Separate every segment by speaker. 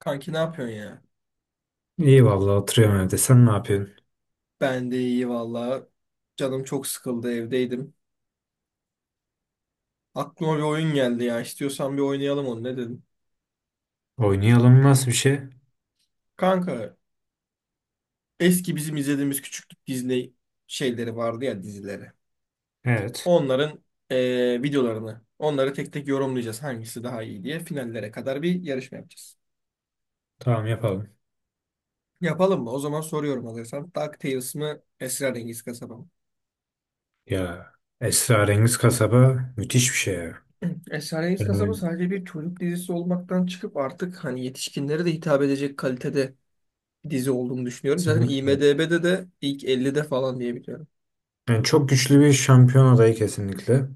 Speaker 1: Kanki ne yapıyorsun ya?
Speaker 2: İyi vallahi oturuyorum evde. Sen ne yapıyorsun?
Speaker 1: Ben de iyi valla. Canım çok sıkıldı evdeydim. Aklıma bir oyun geldi ya. İstiyorsan bir oynayalım onu ne dedim.
Speaker 2: Oynayalım nasıl bir şey?
Speaker 1: Kanka eski bizim izlediğimiz küçüklük Disney şeyleri vardı ya dizileri.
Speaker 2: Evet.
Speaker 1: Onların videolarını onları tek tek yorumlayacağız hangisi daha iyi diye finallere kadar bir yarışma yapacağız.
Speaker 2: Tamam yapalım.
Speaker 1: Yapalım mı? O zaman soruyorum hazırsan. DuckTales mı Esrarengiz Kasaba mı?
Speaker 2: Ya Esrarengiz Kasaba müthiş bir şey ya.
Speaker 1: Esrarengiz Kasaba
Speaker 2: Yani
Speaker 1: sadece bir çocuk dizisi olmaktan çıkıp artık hani yetişkinlere de hitap edecek kalitede dizi olduğunu düşünüyorum. Zaten
Speaker 2: kesinlikle.
Speaker 1: IMDb'de de ilk 50'de falan diye biliyorum.
Speaker 2: Yani çok güçlü bir şampiyon adayı kesinlikle.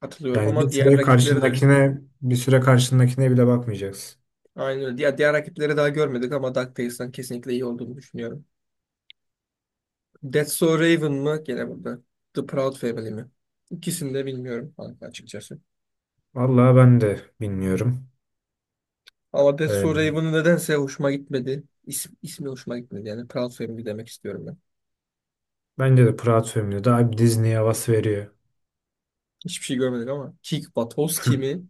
Speaker 1: Hatırlıyorum
Speaker 2: Yani bir
Speaker 1: ama diğer
Speaker 2: süre
Speaker 1: rakipleri de
Speaker 2: karşındakine bir süre karşındakine bile bakmayacaksın.
Speaker 1: aynı öyle. Diğer rakipleri daha görmedik ama DuckTales'tan kesinlikle iyi olduğunu düşünüyorum. That's So Raven mı? Gene burada. The Proud Family mi? İkisini de bilmiyorum kanka açıkçası.
Speaker 2: Vallahi ben de bilmiyorum.
Speaker 1: Ama That's
Speaker 2: Ee,
Speaker 1: So Raven'ı nedense hoşuma gitmedi. İsmi hoşuma gitmedi. Yani Proud Family demek istiyorum ben.
Speaker 2: bence de Pırat filmi de daha bir Disney havası veriyor.
Speaker 1: Hiçbir şey görmedik ama. Kick Buttowski mi?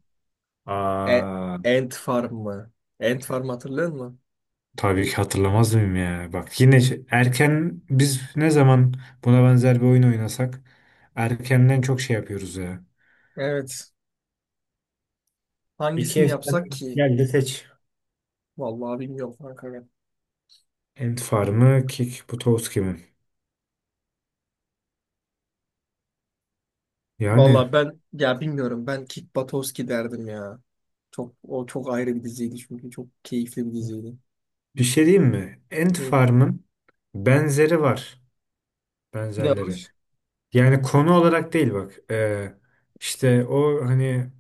Speaker 1: E,
Speaker 2: Aa.
Speaker 1: Ant Farm mı? Ant Farm hatırlıyor musun?
Speaker 2: Tabii ki hatırlamaz mıyım ya? Bak yine erken biz ne zaman buna benzer bir oyun oynasak erkenden çok şey yapıyoruz ya.
Speaker 1: Evet.
Speaker 2: İki
Speaker 1: Hangisini
Speaker 2: efsane
Speaker 1: yapsak ki?
Speaker 2: geldi, seç.
Speaker 1: Vallahi bilmiyorum kanka ya.
Speaker 2: Ant Farm'ı, Kick Butowski mi? Yani
Speaker 1: Vallahi ben ya bilmiyorum. Ben Kick Buttowski derdim ya. Çok o çok ayrı bir diziydi çünkü çok keyifli bir diziydi.
Speaker 2: bir şey diyeyim mi? Ant
Speaker 1: Hı.
Speaker 2: Farm'ın benzeri var.
Speaker 1: Ne
Speaker 2: Benzerleri.
Speaker 1: olmuş?
Speaker 2: Yani konu olarak değil bak. İşte o hani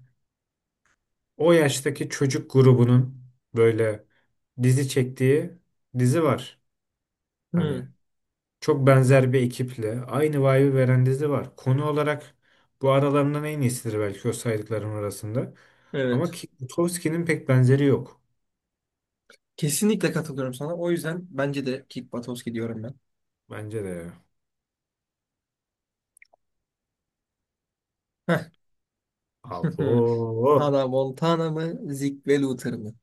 Speaker 2: o yaştaki çocuk grubunun böyle dizi çektiği dizi var. Hani
Speaker 1: Hı.
Speaker 2: çok benzer bir ekiple aynı vibe'ı veren dizi var. Konu olarak bu aralarından en iyisidir belki o saydıklarım arasında. Ama
Speaker 1: Evet.
Speaker 2: ki- Butowski'nin pek benzeri yok.
Speaker 1: Kesinlikle katılıyorum sana. O yüzden bence de Kick Buttowski diyorum ben.
Speaker 2: Bence de ya.
Speaker 1: Heh.
Speaker 2: Abo.
Speaker 1: Hannah Montana mı, Zeke ve Luther mı?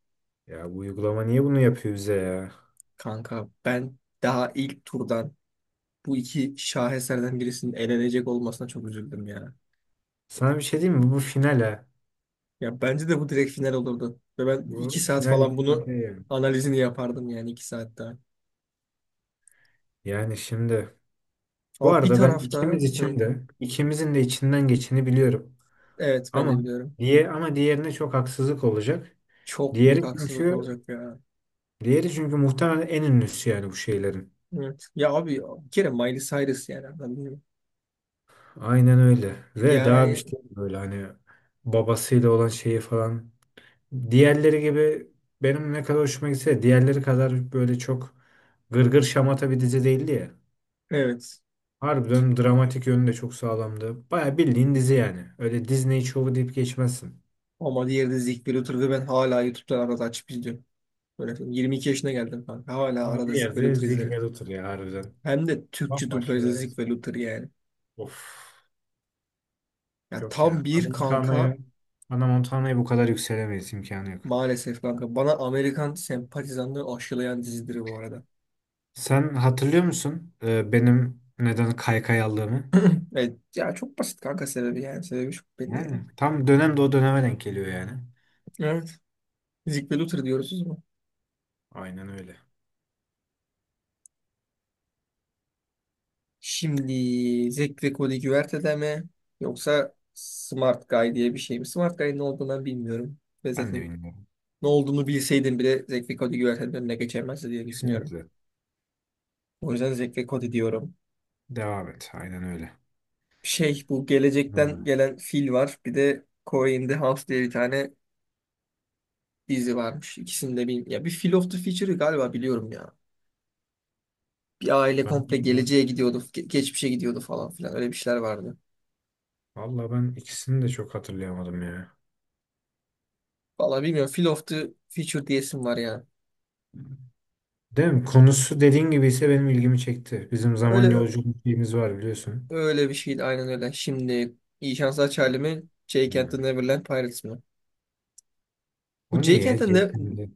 Speaker 2: Ya bu uygulama niye bunu yapıyor bize ya?
Speaker 1: Kanka ben daha ilk turdan bu iki şaheserden birisinin elenecek olmasına çok üzüldüm ya.
Speaker 2: Sana bir şey diyeyim mi? Bu final ha.
Speaker 1: Ya bence de bu direkt final olurdu. Ve ben iki
Speaker 2: Bu
Speaker 1: saat
Speaker 2: final
Speaker 1: falan
Speaker 2: için
Speaker 1: bunu
Speaker 2: okey yani.
Speaker 1: analizini yapardım yani iki saat daha.
Speaker 2: Yani şimdi bu
Speaker 1: Ama bir
Speaker 2: arada ben
Speaker 1: tarafta
Speaker 2: ikimiz
Speaker 1: hı,
Speaker 2: için de ikimizin de içinden geçeni biliyorum.
Speaker 1: evet ben de
Speaker 2: Ama
Speaker 1: biliyorum.
Speaker 2: diye ama diğerine çok haksızlık olacak.
Speaker 1: Çok büyük
Speaker 2: Diğeri
Speaker 1: haksızlık
Speaker 2: çünkü
Speaker 1: olacak ya.
Speaker 2: Diğeri çünkü muhtemelen en ünlüsü yani bu şeylerin.
Speaker 1: Evet. Ya abi bir kere Miley Cyrus yani anladın.
Speaker 2: Aynen öyle. Ve daha bir
Speaker 1: Yani
Speaker 2: şey böyle hani babasıyla olan şeyi falan. Diğerleri gibi benim ne kadar hoşuma gitse de diğerleri kadar böyle çok gırgır şamata bir dizi değildi ya.
Speaker 1: evet.
Speaker 2: Harbiden dramatik yönü de çok sağlamdı. Baya bildiğin dizi yani. Öyle Disney şovu deyip geçmezsin.
Speaker 1: Ama diğeri de Zig ve ve ben hala YouTube'dan arada açıp izliyorum. Böyle 22 yaşına geldim kanka. Hala
Speaker 2: Ama
Speaker 1: arada Zig
Speaker 2: diğer de
Speaker 1: ve
Speaker 2: Zeke ve
Speaker 1: izlerim.
Speaker 2: Luther ya harbiden.
Speaker 1: Hem de Türkçe
Speaker 2: Bambaşka bir
Speaker 1: dublajda Zig
Speaker 2: olsun.
Speaker 1: ve yani.
Speaker 2: Of.
Speaker 1: Ya
Speaker 2: Yok ya.
Speaker 1: tam
Speaker 2: Ana
Speaker 1: bir kanka.
Speaker 2: Montana'ya Ana Montana'ya bu kadar yükselemeyiz, imkanı yok.
Speaker 1: Maalesef kanka. Bana Amerikan sempatizanlığı aşılayan dizidir bu arada.
Speaker 2: Sen hatırlıyor musun benim neden kaykay aldığımı?
Speaker 1: Evet. Ya çok basit kanka sebebi yani. Sebebi çok belli yani.
Speaker 2: Yani tam dönem de o döneme denk geliyor yani.
Speaker 1: Evet. Zig ve Luther diyoruz o.
Speaker 2: Aynen öyle.
Speaker 1: Şimdi Zek ve Cody Güverte'de mi? Yoksa Smart Guy diye bir şey mi? Smart Guy'ın ne olduğunu ben bilmiyorum. Ve
Speaker 2: Ben de
Speaker 1: zaten
Speaker 2: bilmiyorum.
Speaker 1: ne olduğunu bilseydim bile Zek ve Cody Güverte'nin önüne geçemezdi diye düşünüyorum.
Speaker 2: Kesinlikle.
Speaker 1: O yüzden Zek ve Cody diyorum.
Speaker 2: Devam et. Aynen öyle.
Speaker 1: Şey bu
Speaker 2: Ha,
Speaker 1: gelecekten gelen fil var. Bir de Corey in the House diye bir tane dizi varmış. İkisini de bilmiyorum. Ya bir Phil of the Future'ı galiba biliyorum ya. Bir aile komple
Speaker 2: Ben
Speaker 1: geleceğe gidiyordu, geçmişe gidiyordu falan filan. Öyle bir şeyler vardı.
Speaker 2: valla ben ikisini de çok hatırlayamadım ya.
Speaker 1: Vallahi bilmiyorum. Phil of the Future diyesim var ya.
Speaker 2: Değil mi? Konusu dediğin gibi ise benim ilgimi çekti. Bizim zaman
Speaker 1: Öyle
Speaker 2: yolculuğumuz şeyimiz var biliyorsun.
Speaker 1: öyle bir şeydi aynen öyle. Şimdi iyi şanslar Charlie mi? Jake and the
Speaker 2: Hmm.
Speaker 1: Neverland Pirates mi? Bu
Speaker 2: O ne
Speaker 1: Jake
Speaker 2: ya?
Speaker 1: and the Ne-
Speaker 2: Jelkenli.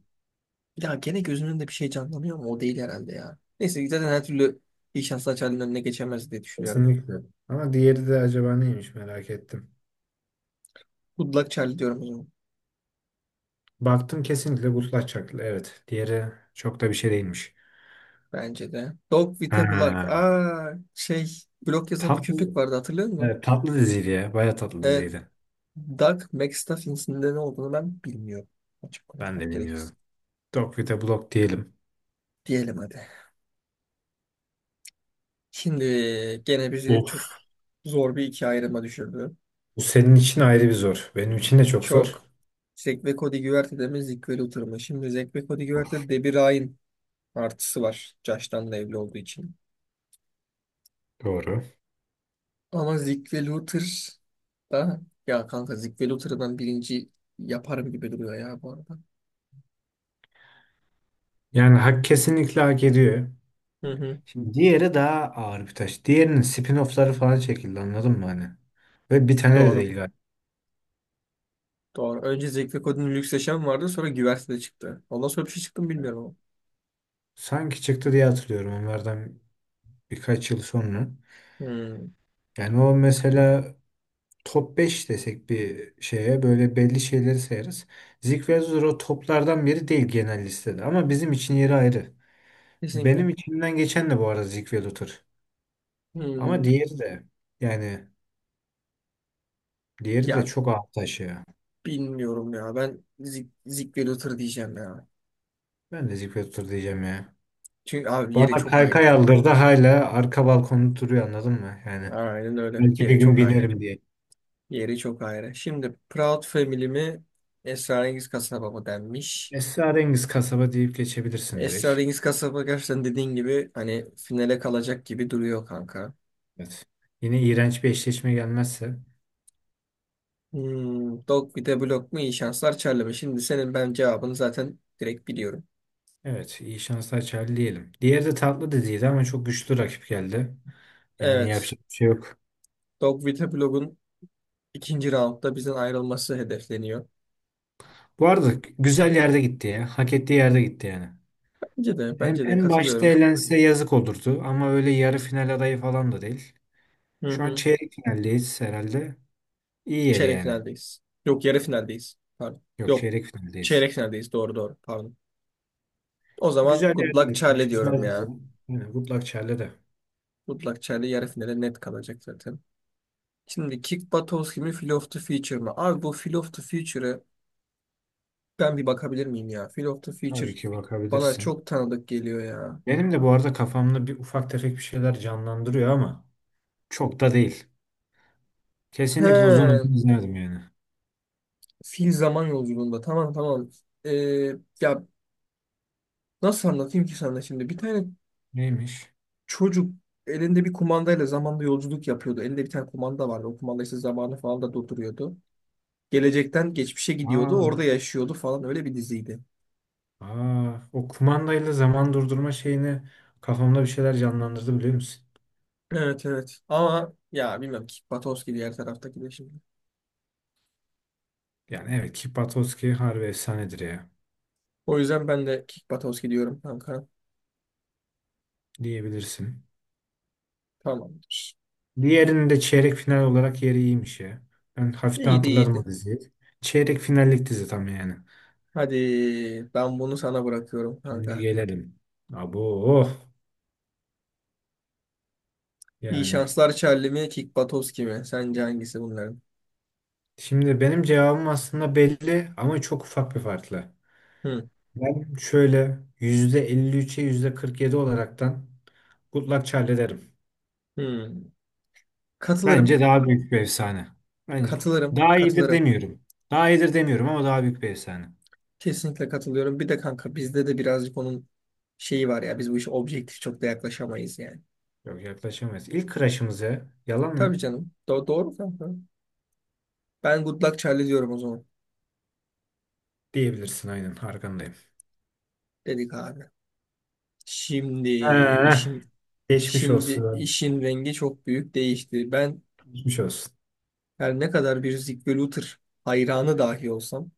Speaker 1: ya gene gözümün önünde bir şey canlanıyor ama o değil herhalde ya. Neyse zaten her türlü iyi şanslar Charlie'nin önüne geçemez diye düşünüyorum.
Speaker 2: Kesinlikle. Ama diğeri de acaba neymiş, merak ettim.
Speaker 1: Good luck Charlie diyorum o zaman.
Speaker 2: Baktım kesinlikle Gutlaç Çaklı. Evet. Diğeri çok da bir şey değilmiş.
Speaker 1: Bence de. Dog with a Block.
Speaker 2: Ha,
Speaker 1: Aa, şey blok yazan bir köpek
Speaker 2: tatlı,
Speaker 1: vardı hatırlıyor musun?
Speaker 2: evet, tatlı diziydi ya. Baya tatlı
Speaker 1: Evet.
Speaker 2: diziydi.
Speaker 1: Doug McStuffins'in de ne olduğunu ben bilmiyorum. Açık
Speaker 2: Ben de
Speaker 1: konuşmak gerekirse.
Speaker 2: bilmiyorum. Dog with a Block diyelim.
Speaker 1: Diyelim hadi. Şimdi gene bizi çok
Speaker 2: Of.
Speaker 1: zor bir iki ayrıma düşürdü.
Speaker 2: Bu senin için ayrı bir zor. Benim için de çok zor.
Speaker 1: Çok. Zek ve Cody Güverte'de mi Zeke ve Luther mı? Şimdi Zek ve Cody
Speaker 2: Of.
Speaker 1: Güverte'de Debbie Ryan artısı var. Josh'tan da evli olduğu için.
Speaker 2: Doğru.
Speaker 1: Ama Zeke ve Luther da ya kanka Zeke ve Luther'ı ben birinci yaparım gibi duruyor ya bu arada.
Speaker 2: Yani hak, kesinlikle hak ediyor.
Speaker 1: Hı hı.
Speaker 2: Şimdi diğeri daha ağır bir taş. Diğerinin spin-off'ları falan çekildi, anladın mı hani? Ve bir tane de
Speaker 1: Doğru.
Speaker 2: değil galiba.
Speaker 1: Doğru. Önce Zevk kodun Lüks Yaşam vardı. Sonra Güvertede çıktı. Ondan sonra bir şey çıktı mı bilmiyorum
Speaker 2: Sanki çıktı diye hatırlıyorum onlardan birkaç yıl sonra.
Speaker 1: ama. Hmm.
Speaker 2: Yani o mesela top 5 desek bir şeye böyle belli şeyleri sayarız. Zik ve Zor o toplardan biri değil genel listede ama bizim için yeri ayrı.
Speaker 1: Kesinlikle.
Speaker 2: Benim içimden geçen de bu arada Zik ve Luthor. Ama
Speaker 1: Hmm.
Speaker 2: diğeri de yani diğeri de
Speaker 1: Ya
Speaker 2: çok avantaj ya.
Speaker 1: bilmiyorum ya. Ben Zik ve Luther diyeceğim ya.
Speaker 2: Ben de Zik ve Luthor diyeceğim ya.
Speaker 1: Çünkü abi yeri
Speaker 2: Bana
Speaker 1: çok ayrı
Speaker 2: kaykay
Speaker 1: ya.
Speaker 2: aldırdı, hala arka balkonda duruyor, anladın mı? Yani
Speaker 1: Aynen öyle.
Speaker 2: belki bir
Speaker 1: Yeri
Speaker 2: gün
Speaker 1: çok ayrı.
Speaker 2: binerim diye.
Speaker 1: Yeri çok ayrı. Şimdi Proud Family mi Esrarengiz Kasaba mı denmiş.
Speaker 2: Esrarengiz kasaba deyip geçebilirsin direkt.
Speaker 1: Esrarengiz Kasaba gerçekten dediğin gibi hani finale kalacak gibi duruyor kanka.
Speaker 2: Evet. Yine iğrenç bir eşleşme gelmezse.
Speaker 1: Hmm, dog bir de blok mu iyi şanslar Charlie. Şimdi senin ben cevabını zaten direkt biliyorum.
Speaker 2: Evet, iyi şanslar Charlie diyelim. Diğeri de tatlı dediydi ama çok güçlü rakip geldi. Yani
Speaker 1: Evet.
Speaker 2: yapacak bir şey yok.
Speaker 1: Dog with a Blog'un ikinci roundda bizden ayrılması hedefleniyor.
Speaker 2: Bu arada güzel yerde gitti ya. Hak ettiği yerde gitti yani.
Speaker 1: Bence de,
Speaker 2: Hem
Speaker 1: bence de
Speaker 2: en başta
Speaker 1: katılıyorum.
Speaker 2: elense yazık olurdu ama öyle yarı final adayı falan da değil.
Speaker 1: Hı
Speaker 2: Şu an
Speaker 1: hı.
Speaker 2: çeyrek finaldeyiz herhalde. İyi yeri
Speaker 1: Çeyrek
Speaker 2: yani.
Speaker 1: finaldeyiz. Yok yarı finaldeyiz. Pardon.
Speaker 2: Yok,
Speaker 1: Yok.
Speaker 2: çeyrek finaldeyiz.
Speaker 1: Çeyrek finaldeyiz. Doğru doğru. Pardon. O zaman
Speaker 2: Güzel
Speaker 1: good
Speaker 2: yerde
Speaker 1: luck
Speaker 2: gittik.
Speaker 1: Charlie diyorum
Speaker 2: Küsmez bize.
Speaker 1: ya.
Speaker 2: Yani good luck Charlie de.
Speaker 1: Good luck Charlie yarı finale net kalacak zaten. Şimdi Kick Buttowski mi Feel of the Future mı? Abi bu Feel of the Future'ı ben bir bakabilir miyim ya? Phil of the Future
Speaker 2: Tabii ki
Speaker 1: bana
Speaker 2: bakabilirsin.
Speaker 1: çok tanıdık geliyor ya.
Speaker 2: Benim de bu arada kafamda bir ufak tefek bir şeyler canlandırıyor ama çok da değil. Kesinlikle uzun
Speaker 1: He,
Speaker 2: uzun izlerdim yani.
Speaker 1: fil zaman yolculuğunda. Tamam tamam. Ee, ya nasıl anlatayım ki sana şimdi? Bir tane
Speaker 2: Neymiş?
Speaker 1: çocuk elinde bir kumandayla zamanda yolculuk yapıyordu. Elinde bir tane kumanda vardı. O kumanda işte zamanı falan da durduruyordu. Gelecekten geçmişe gidiyordu. Orada
Speaker 2: Aa,
Speaker 1: yaşıyordu falan. Öyle bir diziydi.
Speaker 2: aa, o kumandayla zaman durdurma şeyini kafamda bir şeyler canlandırdı, biliyor musun?
Speaker 1: Evet evet. Ama ya bilmem Kick Buttowski diğer taraftaki de şimdi.
Speaker 2: Yani evet, ki Patowski harbi efsanedir ya,
Speaker 1: O yüzden ben de Kick Buttowski diyorum kanka.
Speaker 2: diyebilirsin.
Speaker 1: Tamamdır.
Speaker 2: Diğerinin de çeyrek final olarak yeri iyiymiş ya. Ben hafiften
Speaker 1: İyiydi
Speaker 2: hatırladım o
Speaker 1: iyiydi.
Speaker 2: diziyi. Çeyrek finallik dizi tam yani.
Speaker 1: Hadi ben bunu sana bırakıyorum
Speaker 2: Şimdi
Speaker 1: kanka.
Speaker 2: gelelim. Abo oh.
Speaker 1: İyi
Speaker 2: Yani.
Speaker 1: şanslar Charlie mi, Kick Buttowski mi? Sence hangisi bunların?
Speaker 2: Şimdi benim cevabım aslında belli ama çok ufak bir farkla.
Speaker 1: Hı,
Speaker 2: Ben şöyle %53'e %47 olaraktan Good Charlie derim.
Speaker 1: hı. Katılırım,
Speaker 2: Bence daha büyük bir efsane. Bence
Speaker 1: katılırım,
Speaker 2: daha iyidir
Speaker 1: katılırım.
Speaker 2: demiyorum. Daha iyidir demiyorum ama daha büyük bir efsane.
Speaker 1: Kesinlikle katılıyorum. Bir de kanka bizde de birazcık onun şeyi var ya. Biz bu işe objektif çok da yaklaşamayız yani.
Speaker 2: Yok, yaklaşamayız. İlk crush'ımıza yalan
Speaker 1: Tabii
Speaker 2: mı?
Speaker 1: canım. Doğru kanka. Ben Good Luck Charlie diyorum o zaman.
Speaker 2: Diyebilirsin, aynen arkandayım.
Speaker 1: Dedik abi. Şimdi
Speaker 2: Ha,
Speaker 1: işin
Speaker 2: geçmiş
Speaker 1: şimdi
Speaker 2: olsun.
Speaker 1: işin rengi çok büyük değişti. Ben
Speaker 2: Geçmiş olsun.
Speaker 1: her ne kadar bir Zig ve Luther hayranı dahi olsam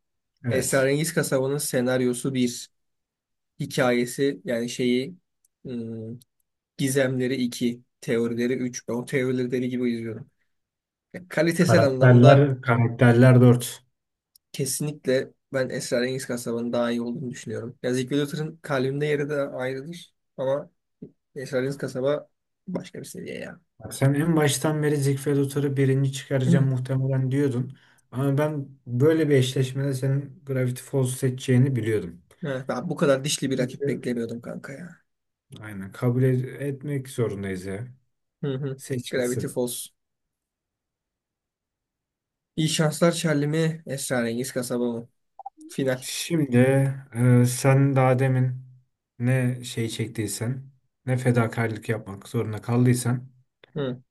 Speaker 2: Evet.
Speaker 1: Esrarengiz Kasaba'nın senaryosu bir hikayesi yani şeyi ım, gizemleri 2 teorileri 3 ben o teorileri deli gibi izliyorum. Ya, kalitesel anlamda
Speaker 2: Karakterler, karakterler 4.
Speaker 1: kesinlikle ben Esrarengiz Kasaba'nın daha iyi olduğunu düşünüyorum. Ya Zeki Luther'ın kalbimde yeri de ayrıdır ama Esrarengiz Kasaba başka bir seviye ya.
Speaker 2: Bak sen en baştan beri Ziegfeld birinci çıkaracağım muhtemelen diyordun. Ama ben böyle bir eşleşmede senin Gravity Falls'u seçeceğini biliyordum.
Speaker 1: Evet, ben bu kadar dişli bir rakip
Speaker 2: Peki.
Speaker 1: beklemiyordum kanka ya.
Speaker 2: Aynen kabul etmek zorundayız ya.
Speaker 1: Hı hı.
Speaker 2: Seç
Speaker 1: Gravity
Speaker 2: gitsin.
Speaker 1: Falls. İyi şanslar Charlie mi? Esrarengiz Kasaba mı? Final.
Speaker 2: Şimdi sen daha demin ne şey çektiysen, ne fedakarlık yapmak zorunda kaldıysan
Speaker 1: Hı.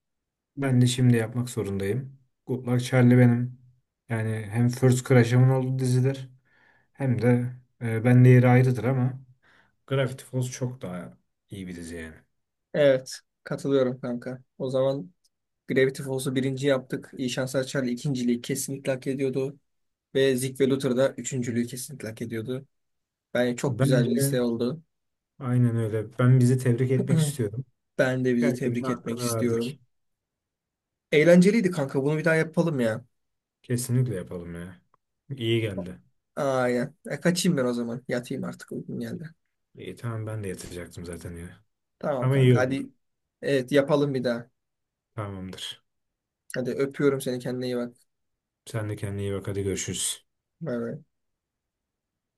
Speaker 2: ben de şimdi yapmak zorundayım. Good Luck Charlie benim yani hem First Crush'ımın olduğu dizidir hem de ben de yeri ayrıdır ama Gravity Falls çok daha iyi bir dizi yani.
Speaker 1: Evet, katılıyorum kanka. O zaman Gravity Falls'u birinci yaptık. İyi Şanslar Charlie ikinciliği kesinlikle hak ediyordu. Ve Zig ve Luther da üçüncülüğü kesinlikle hak ediyordu. Bence çok güzel bir liste
Speaker 2: Bence
Speaker 1: oldu.
Speaker 2: aynen öyle. Ben bizi tebrik etmek istiyorum.
Speaker 1: Ben de bizi
Speaker 2: Gerçekten
Speaker 1: tebrik etmek
Speaker 2: hakkını
Speaker 1: istiyorum.
Speaker 2: verdik.
Speaker 1: Eğlenceliydi kanka. Bunu bir daha yapalım ya.
Speaker 2: Kesinlikle yapalım ya. İyi geldi.
Speaker 1: Aynen. Kaçayım ben o zaman. Yatayım artık uykum geldi.
Speaker 2: İyi, tamam, ben de yatacaktım zaten ya.
Speaker 1: Tamam
Speaker 2: Ama iyi
Speaker 1: kanka.
Speaker 2: oldu.
Speaker 1: Hadi. Evet yapalım bir daha.
Speaker 2: Tamamdır.
Speaker 1: Hadi öpüyorum seni. Kendine iyi bak.
Speaker 2: Sen de kendine iyi bak, hadi görüşürüz.
Speaker 1: Bay bay.